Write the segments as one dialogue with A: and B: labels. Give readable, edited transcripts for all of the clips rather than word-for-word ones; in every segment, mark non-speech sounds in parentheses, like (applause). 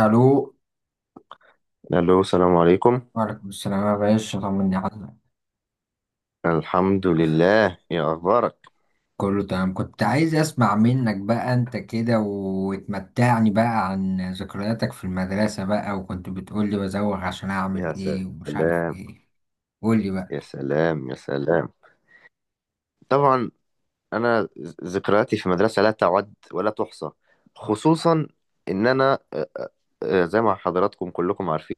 A: الو.
B: الو، السلام عليكم.
A: وعليكم السلام يا باشا، طمني عليك.
B: الحمد لله، يا اخبارك؟
A: كله تمام، كنت عايز اسمع منك بقى انت كده وتمتعني بقى عن ذكرياتك في المدرسة بقى، وكنت بتقولي بزوغ عشان
B: يا
A: اعمل ايه ومش عارف
B: سلام،
A: ايه. قولي بقى.
B: يا سلام، يا سلام. طبعا، انا ذكرياتي في المدرسه لا تعد ولا تحصى، خصوصا ان انا، زي ما حضراتكم كلكم عارفين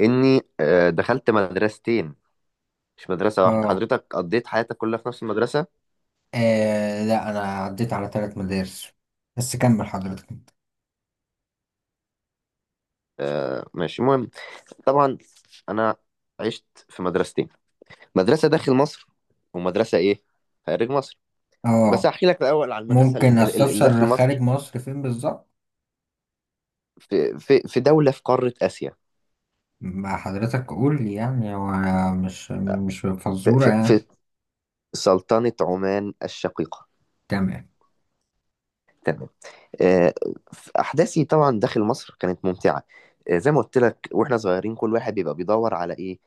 B: اني دخلت مدرستين، مش مدرسه واحده.
A: اه.
B: حضرتك قضيت حياتك كلها في نفس المدرسه؟
A: لا انا عديت على ثلاث مدارس، بس كمل حضرتك انت.
B: ماشي، المهم. طبعا، انا عشت في مدرستين، مدرسه داخل مصر ومدرسه ايه خارج مصر. بس
A: اه.
B: هحكي لك الاول عن المدرسه
A: ممكن
B: اللي داخل
A: استفسر خارج
B: مصر.
A: مصر فين بالظبط؟
B: في دوله في قاره اسيا،
A: ما حضرتك قول لي يعني هو، مش
B: في
A: فزورة
B: في
A: يعني.
B: في سلطنه عمان الشقيقه.
A: تمام.
B: تمام. آه، احداثي طبعا داخل مصر كانت ممتعه. زي ما قلت لك، واحنا صغيرين كل واحد بيبقى بيدور على ايه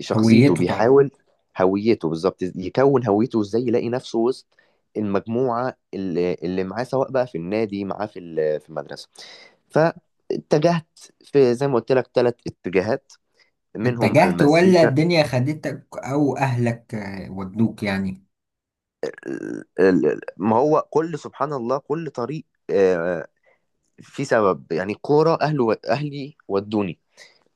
B: شخصيته،
A: هويته طبعا.
B: بيحاول هويته، بالظبط، يكون هويته ازاي، يلاقي نفسه وسط المجموعه اللي معاه، سواء بقى في النادي معاه، في في المدرسه. فاتجهت في زي ما قلت لك ثلاث اتجاهات، منهم
A: اتجهت ولا
B: المزيكا.
A: الدنيا خدتك او اهلك ودوك يعني؟
B: ال- ما هو كل، سبحان الله، كل طريق في سبب، يعني كورة، أهله أهلي ودوني.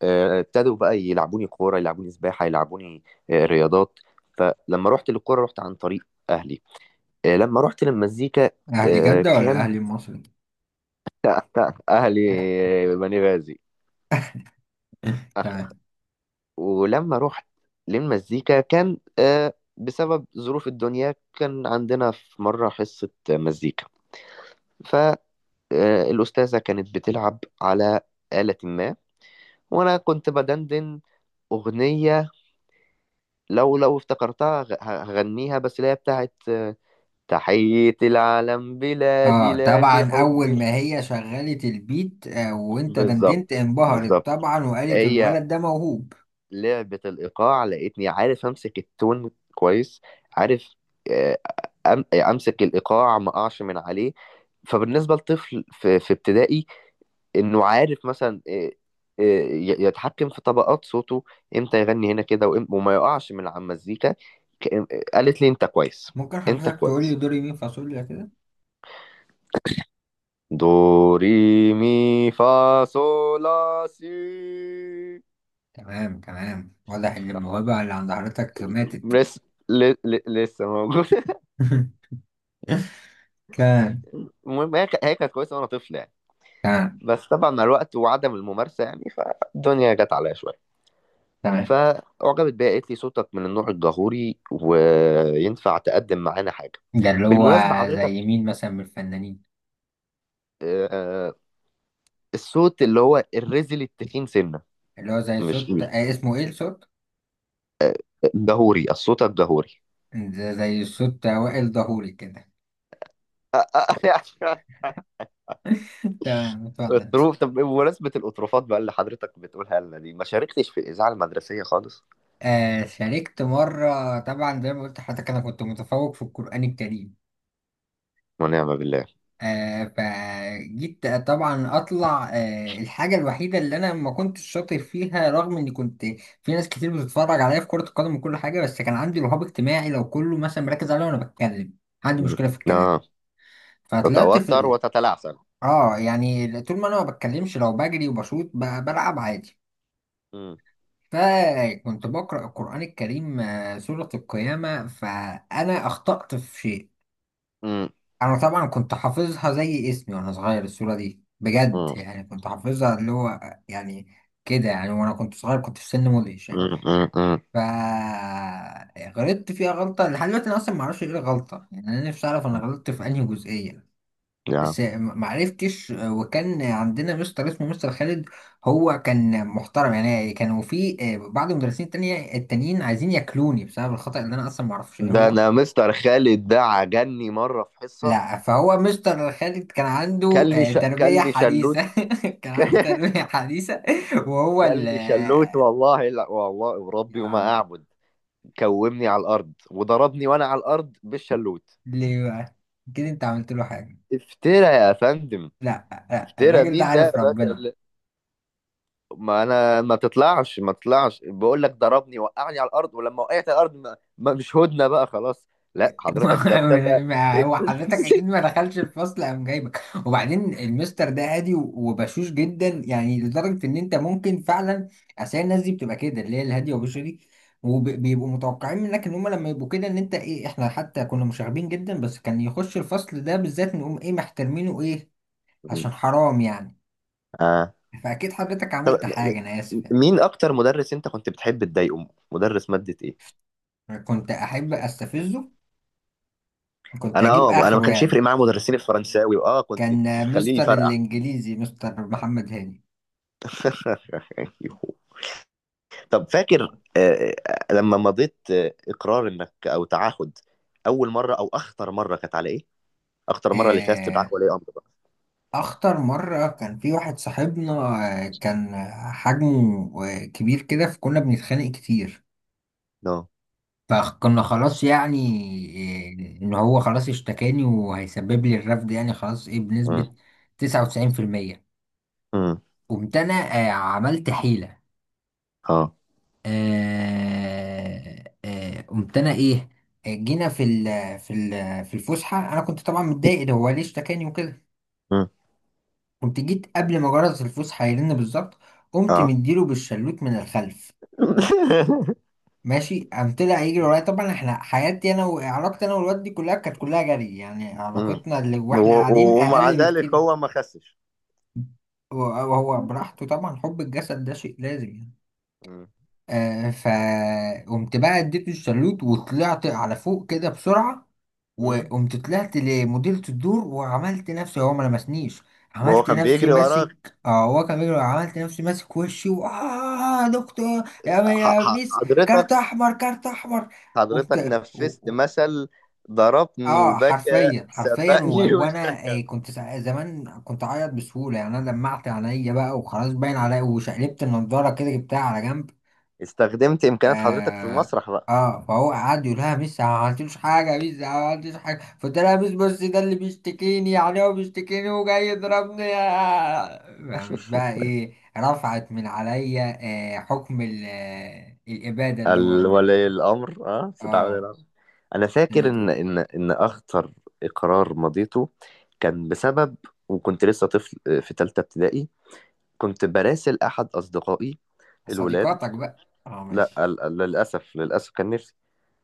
B: ابتدوا بقى يلعبوني كورة، يلعبوني سباحة، يلعبوني رياضات. فلما رحت للكورة، رحت عن طريق أهلي. لما رحت للمزيكا
A: اهل جدة ولا
B: كان
A: اهل المصري؟
B: (laughs) أهلي،
A: (laughs)
B: بني غازي. أخ،
A: تمام.
B: أخ. ولما رحت للمزيكا كان بسبب ظروف الدنيا، كان عندنا في مرة حصة مزيكا. الأستاذة كانت بتلعب على آلة ما، وأنا كنت بدندن أغنية. لو افتكرتها هغنيها، بس اللي هي بتاعت تحية العالم، بلادي
A: اه
B: لك
A: طبعا اول
B: حبي.
A: ما هي شغلت البيت وانت
B: بالظبط،
A: دندنت انبهرت
B: بالظبط.
A: طبعا وقالت
B: هي
A: الولد ده موهوب.
B: لعبة الإيقاع، لقيتني عارف أمسك التون كويس، عارف، آه، أمسك الإيقاع، ما أقعش من عليه. فبالنسبة لطفل في ابتدائي، انه عارف مثلا يتحكم في طبقات صوته، امتى يغني هنا كده، وما يقعش من على المزيكا. قالت لي انت كويس.
A: ممكن
B: انت
A: حضرتك تقول لي
B: كويس.
A: دوري مين فاصوليا كده؟
B: دو، ري، مي، فا، صو، لا، سي.
A: تمام تمام، واضح ان
B: صح.
A: الموهبة اللي عند حضرتك ماتت.
B: لسه، لسه موجود. (laughs)
A: (laughs) كان
B: المهم، هي هي كانت كويسه وانا طفل يعني.
A: كان
B: بس طبعا، مع الوقت وعدم الممارسه يعني، فالدنيا جت عليا شويه.
A: تمام.
B: فأعجبت بيها، قالت لي صوتك من النوع الجهوري وينفع تقدم معانا حاجة.
A: ده اللي هو،
B: بالمناسبة حضرتك،
A: زي مين مثلا من الفنانين؟
B: آه، الصوت اللي هو الرزل التخين سنة.
A: اللي هو زي
B: مش
A: صوت اسمه ايه الصوت؟
B: الجهوري، الصوت الجهوري.
A: ده زي صوت اوائل ظهوري كده.
B: (laughs)
A: (laughs) تمام، اتفضل انت.
B: الطروف. طب بمناسبة الأطروفات بقى اللي حضرتك بتقولها لنا دي، ما شاركتش في الإذاعة المدرسية خالص؟
A: شاركت مرة، طبعا زي ما قلت لحضرتك أنا كنت متفوق في القرآن الكريم.
B: ونعم بالله.
A: فجيت طبعا أطلع الحاجة الوحيدة اللي أنا ما كنتش شاطر فيها رغم إني كنت. في ناس كتير بتتفرج عليا في كرة القدم وكل حاجة، بس كان عندي رهاب اجتماعي لو كله مثلا مركز عليا وأنا بتكلم. عندي
B: مم.
A: مشكلة في الكلام.
B: آه.
A: فطلعت
B: تتوتر وتتلعثم؟
A: يعني طول ما أنا ما بتكلمش لو بجري وبشوط بلعب عادي.
B: مم.
A: فكنت بقرأ القرآن الكريم سورة القيامة فأنا أخطأت في شيء.
B: مم.
A: أنا طبعا كنت حافظها زي اسمي وأنا صغير، السورة دي بجد
B: مم.
A: يعني كنت حافظها اللي هو، يعني كده يعني وأنا كنت صغير، كنت في سن مدهش يعني.
B: مم. مم. مم.
A: فغلطت فيها غلطة لحد دلوقتي أنا أصلا معرفش إيه الغلطة، يعني أنا نفسي أعرف أنا غلطت في أنهي جزئية.
B: يا.
A: بس معرفتش وكان عندنا مستر اسمه مستر خالد. هو كان محترم يعني، كانوا في بعض المدرسين التانيين عايزين ياكلوني بسبب الخطأ اللي انا اصلا معرفش ايه
B: ده
A: هو.
B: أنا مستر خالد ده عجني مرة في حصة.
A: لا فهو مستر خالد كان عنده تربية
B: كان لي شلوت.
A: حديثة. (laughs) كان عنده
B: (laughs)
A: تربية حديثة وهو
B: كان
A: ال
B: لي شلوت، والله لا والله
A: يا
B: وربي وما
A: عم،
B: أعبد، كومني على الأرض وضربني وأنا على الأرض بالشلوت.
A: ليه بقى؟ كده انت عملت له حاجة؟
B: افترى يا فندم.
A: لا لا
B: افترى،
A: الراجل ده
B: مين ده يا
A: عارف
B: باشا
A: ربنا.
B: ما أنا، ما تطلعش ما تطلعش، بقول لك ضربني وقعني على الأرض، ولما وقعت على الأرض ما مش هدنة بقى خلاص. لا، حضرتك ده ابتدى.
A: (laughs) ما هو حضرتك اكيد ما دخلش الفصل قام جايبك، وبعدين المستر ده هادي وبشوش جدا يعني لدرجه ان انت ممكن فعلا. اصل هي الناس دي بتبقى كده اللي هي الهاديه وبشوشه دي، وبيبقوا متوقعين منك ان هم لما يبقوا كده ان انت ايه، احنا حتى كنا مشاغبين جدا بس كان يخش الفصل ده بالذات نقوم ايه محترمينه ايه، عشان
B: (laughs)
A: حرام يعني.
B: آه.
A: فاكيد حضرتك
B: طب،
A: عملت حاجه، انا اسف.
B: مين أكتر مدرس أنت كنت بتحب تضايقه؟ مدرس مادة إيه؟
A: يعني كنت احب استفزه، كنت
B: انا
A: اجيب
B: اه انا ما
A: اخره
B: كانش يفرق
A: يعني.
B: معايا مدرسين الفرنساوي، كنت
A: كان
B: تخليني
A: مستر
B: يفرقع.
A: الانجليزي مستر محمد هاني.
B: (laughs) طب فاكر، آه، لما مضيت اقرار انك او تعهد، اول مره او اخطر مره كانت على ايه؟ اخطر مره اللي فيها
A: آه،
B: استدعاء ولي امر بقى.
A: أخطر مرة كان في واحد صاحبنا كان حجمه كبير كده فكنا بنتخانق كتير.
B: نو.
A: فكنا خلاص يعني إن هو خلاص اشتكاني وهيسبب لي الرفض يعني خلاص إيه بنسبة
B: امم.
A: 99%.
B: امم.
A: قمت أنا عملت حيلة.
B: اه.
A: قمت أنا إيه جينا في الفسحة، أنا كنت طبعا متضايق ده هو ليه اشتكاني وكده.
B: امم.
A: قمت جيت قبل ما جرس الفوس هيرن بالظبط، قمت
B: اه.
A: مديله بالشلوت من الخلف.
B: (laughs)
A: ماشي قام طلع يجري ورايا طبعا، احنا حياتي انا وعلاقتي انا والواد دي كلها كانت كلها جري يعني،
B: مم.
A: علاقتنا اللي واحنا قاعدين
B: ومع
A: اقل
B: ذلك
A: بكتير.
B: هو ما خسش.
A: وهو براحته طبعا حب الجسد ده شيء لازم يعني.
B: مم.
A: فقمت بقى اديته الشلوت وطلعت على فوق كده بسرعة،
B: مم.
A: وقمت طلعت لمديرة الدور وعملت نفسي هو ما لمسنيش.
B: وهو
A: عملت
B: كان
A: نفسي
B: بيجري وراك؟
A: ماسك هو كان بيجري، عملت
B: آه،
A: نفسي ماسك وشي و آه دكتور يا
B: ح-
A: يا
B: ح-
A: ميس كارت
B: حضرتك
A: احمر كارت احمر.
B: حضرتك
A: وبت... و...
B: نفذت
A: و-
B: مثل ضربني
A: اه
B: وبكى،
A: حرفيا حرفيا
B: سبقني (laughs)
A: وانا
B: واشتكى.
A: كنت زمان كنت اعيط بسهولة يعني، انا دمعت عينيا بقى وخلاص باين عليا وشقلبت النضارة كده جبتها على جنب.
B: استخدمت
A: ف...
B: إمكانيات حضرتك في المسرح بقى.
A: اه فهو قعد يقول لها ميس أنا ما عملتلوش حاجه ميس أنا ما عملتلوش حاجه، فقلت لها ميس بص ده اللي بيشتكيني يعني هو بيشتكيني وجاي يضربني. قامت بقى
B: (laughs)
A: ايه رفعت من عليا آه حكم ال- آه، الاباده اللي هو
B: ولي الأمر، استدعاء ولي
A: اه
B: الأمر. أنا فاكر إن
A: لقيته.
B: إن إن أخطر إقرار مضيته كان بسبب، وكنت لسه طفل في تالتة ابتدائي، كنت براسل أحد أصدقائي، الولاد.
A: صديقاتك بقى اه
B: لا،
A: ماشي.
B: للأسف كان نفسي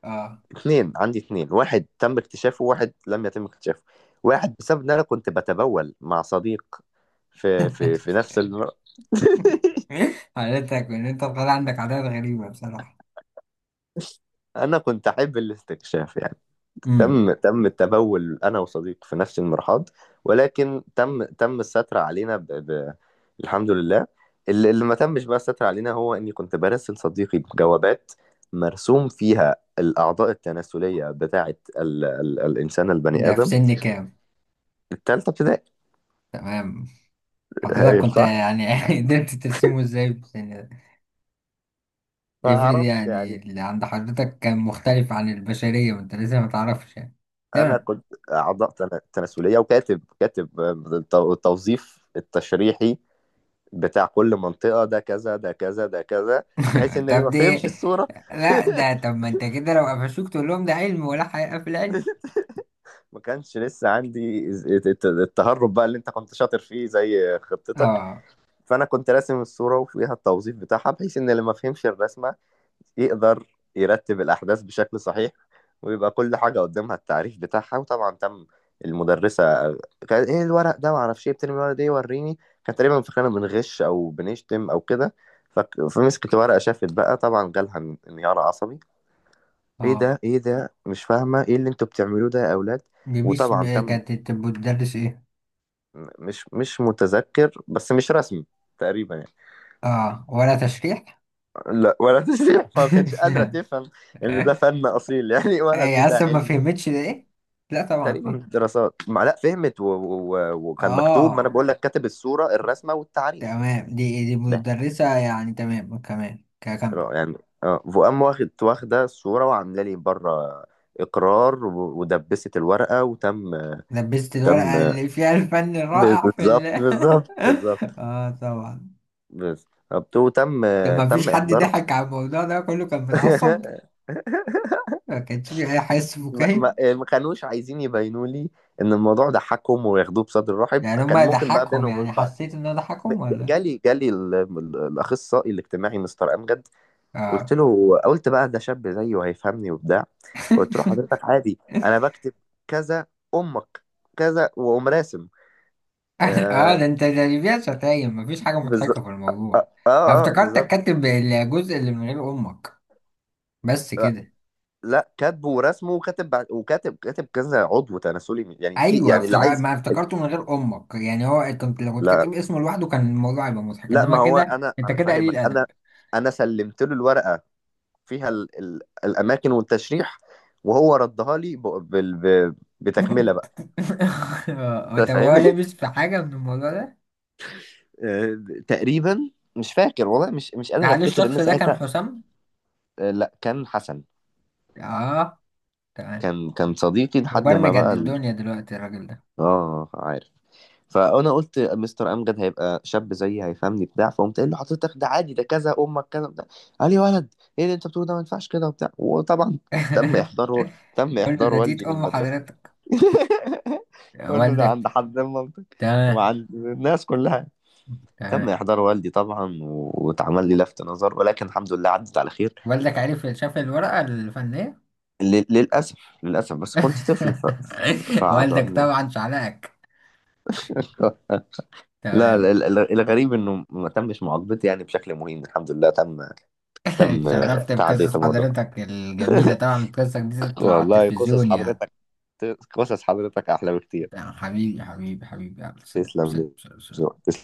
A: اه.
B: اتنين، عندي اتنين، واحد تم اكتشافه وواحد لم يتم اكتشافه. واحد بسبب ان انا كنت بتبول مع صديق في نفس المرأة. (laughs)
A: (laughs) قالت لك ان انت طالع عندك عادات غريبه بصراحه.
B: انا كنت احب الاستكشاف يعني.
A: امم.
B: تم التبول، انا وصديق في نفس المرحاض، ولكن تم الستر علينا، الحمد لله. اللي ما تمش بقى الستر علينا، هو اني كنت برسل صديقي بجوابات مرسوم فيها الاعضاء التناسليه بتاعه الانسان البني
A: ده في
B: ادم.
A: سن كام؟
B: التالتة ابتدائي.
A: تمام. حضرتك
B: هايل،
A: كنت
B: صح.
A: يعني (laughs) قدرت ترسمه ازاي في سن؟
B: ما
A: افرض
B: اعرفش
A: يعني
B: يعني.
A: اللي عند حضرتك كان مختلف عن البشرية وانت لسه ما تعرفش يعني.
B: انا
A: تمام.
B: كنت اعضاء تناسليه، وكاتب التوظيف التشريحي بتاع كل منطقه، ده كذا، ده كذا، ده كذا، بحيث
A: (laughs)
B: ان اللي
A: طب
B: ما
A: دي
B: فهمش الصوره.
A: لا ده طب
B: (laughs)
A: ما انت كده لو قفشوك تقول لهم ده علم، ولا حقيقة في العلم؟
B: ما كانش لسه عندي التهرب بقى اللي انت كنت شاطر فيه زي خطتك.
A: اه
B: فانا كنت راسم الصوره وفيها التوظيف بتاعها، بحيث ان اللي ما فهمش الرسمه يقدر يرتب الاحداث بشكل صحيح، ويبقى كل حاجه قدامها التعريف بتاعها، وطبعا تم. المدرسه كانت ايه الورق ده؟ معرفش ايه بترمي الورق ده، إيه، وريني. كان تقريبا فاكرانا بنغش او بنشتم او كده. فمسكت ورقه، شافت بقى طبعا، جالها انهيار عصبي. ايه
A: اه.
B: ده، ايه ده، مش فاهمه ايه اللي انتوا بتعملوه ده يا اولاد؟
A: دي مش
B: وطبعا تم.
A: كانت بتبقى بتدرس ايه؟
B: مش متذكر، بس مش رسمي، تقريبا يعني.
A: اه ولا تشريح؟
B: لا ولا (laughs) تسريح، فما كانتش قادرة
A: (laughs)
B: تفهم إن ده فن أصيل يعني، (laughs) ولا إن
A: هي
B: ده
A: اصلا ما
B: علم.
A: فهمتش ده ايه؟ لا طبعا
B: تقريبا
A: فيه.
B: دراسات ما، لا فهمت، وكان مكتوب، ما أنا
A: اه
B: بقول لك كاتب الصورة، الرسمة والتعريف.
A: تمام، دي
B: ده
A: مدرسة يعني تمام كمان كمل.
B: يعني، اه، فقام واخدة الصورة وعاملة لي بره إقرار، ودبست الورقة وتم.
A: لبست الورقة
B: تم.
A: اللي فيها الفن الرائع في ال
B: بالظبط، بالظبط، بالظبط.
A: (laughs) اه طبعا.
B: بالظبط، وتم.
A: طب ما
B: تم
A: فيش حد
B: إحضار.
A: ضحك على الموضوع ده، كله كان متعصب؟
B: (laughs)
A: ما كانش فيه أي حس فكاهي؟
B: ما كانوش عايزين يبينوا لي ان الموضوع ضحكهم وياخدوه بصدر رحب،
A: يعني
B: كان
A: هما
B: ممكن بقى
A: ضحكهم
B: بينهم
A: يعني
B: وبين بعض.
A: حسيت إن هو
B: ب-
A: ضحكهم ولا؟
B: جالي الاخصائي الاجتماعي مستر امجد. قلت
A: اه.
B: له، قلت بقى ده شاب زيي وهيفهمني وبتاع. قلت له حضرتك عادي، انا بكتب كذا، امك، كذا، واقوم راسم.
A: (laughs) اه
B: آه
A: ده انت ده اللي فيها شتايم، مفيش حاجة مضحكة
B: بالظبط.
A: في الموضوع. أنا
B: اه
A: افتكرتك
B: بالظبط.
A: كاتب الجزء اللي من غير أمك بس
B: آه،
A: كده.
B: لا كاتبه ورسمه وكاتب كذا عضو تناسلي يعني، في
A: أيوه
B: يعني اللي
A: افتكر
B: عايز.
A: ما افتكرته من غير أمك، يعني هو كنت لو كنت
B: لا،
A: كاتب اسمه لوحده كان الموضوع هيبقى مضحك،
B: لا،
A: إنما
B: ما هو
A: كده
B: انا
A: أنت
B: انا
A: كده قليل
B: فاهمك انا.
A: أدب.
B: انا سلمت له الورقه فيها ال ال الاماكن والتشريح، وهو ردها لي ب بال ب بتكمله بقى. انت
A: (laughs) طب هو
B: فاهمني؟
A: لبس
B: (laughs)
A: في حاجة من الموضوع ده؟
B: تقريبا مش فاكر والله، مش قادر
A: هل
B: افتكر
A: الشخص
B: ان
A: ده كان
B: ساعتها.
A: حسام؟
B: لا، كان حسن.
A: اه تمام.
B: كان صديقي لحد ما
A: مبرمج قد
B: بقى
A: الدنيا دلوقتي الراجل ده.
B: اه، فانا قلت مستر امجد هيبقى شاب زيي هيفهمني بتاع، فقمت قايل له حضرتك ده عادي ده كذا امك كذا بتاع. قال لي يا ولد، ايه اللي انت بتقوله ده، ما ينفعش كده وبتاع، وطبعا تم
A: (laughs)
B: احضار، تم
A: كل
B: احضار
A: ده تيت
B: والدي
A: أم
B: للمدرسه.
A: حضرتك
B: (laughs) قول له ده عند
A: والدك؟
B: حد مامتك
A: تمام
B: وعند الناس كلها. تم
A: تمام.
B: احضار والدي طبعا، واتعمل لي لفت نظر، ولكن الحمد لله عدت على خير.
A: والدك عرف شاف الورقة الفنية؟
B: للاسف، للاسف بس كنت طفل،
A: (laughs) والدك
B: فعذرني.
A: طبعا شعلقك.
B: (laughs) لا،
A: تمام.
B: لا، الغريب انه ما تمش معاقبتي يعني بشكل مهين. الحمد لله تم
A: (laughs)
B: تم
A: اتشرفت
B: تعدية
A: بقصص
B: الموضوع.
A: حضرتك الجميلة،
B: (laughs)
A: طبعا قصصك دي تطلع على
B: والله، قصص
A: التلفزيون يعني.
B: حضرتك، قصص حضرتك أحلى بكتير.
A: تمام، حبيبي حبيبي حبيبي، يلا سلام
B: تسلم
A: سلام
B: لي.
A: سلام سلام.
B: تسلم.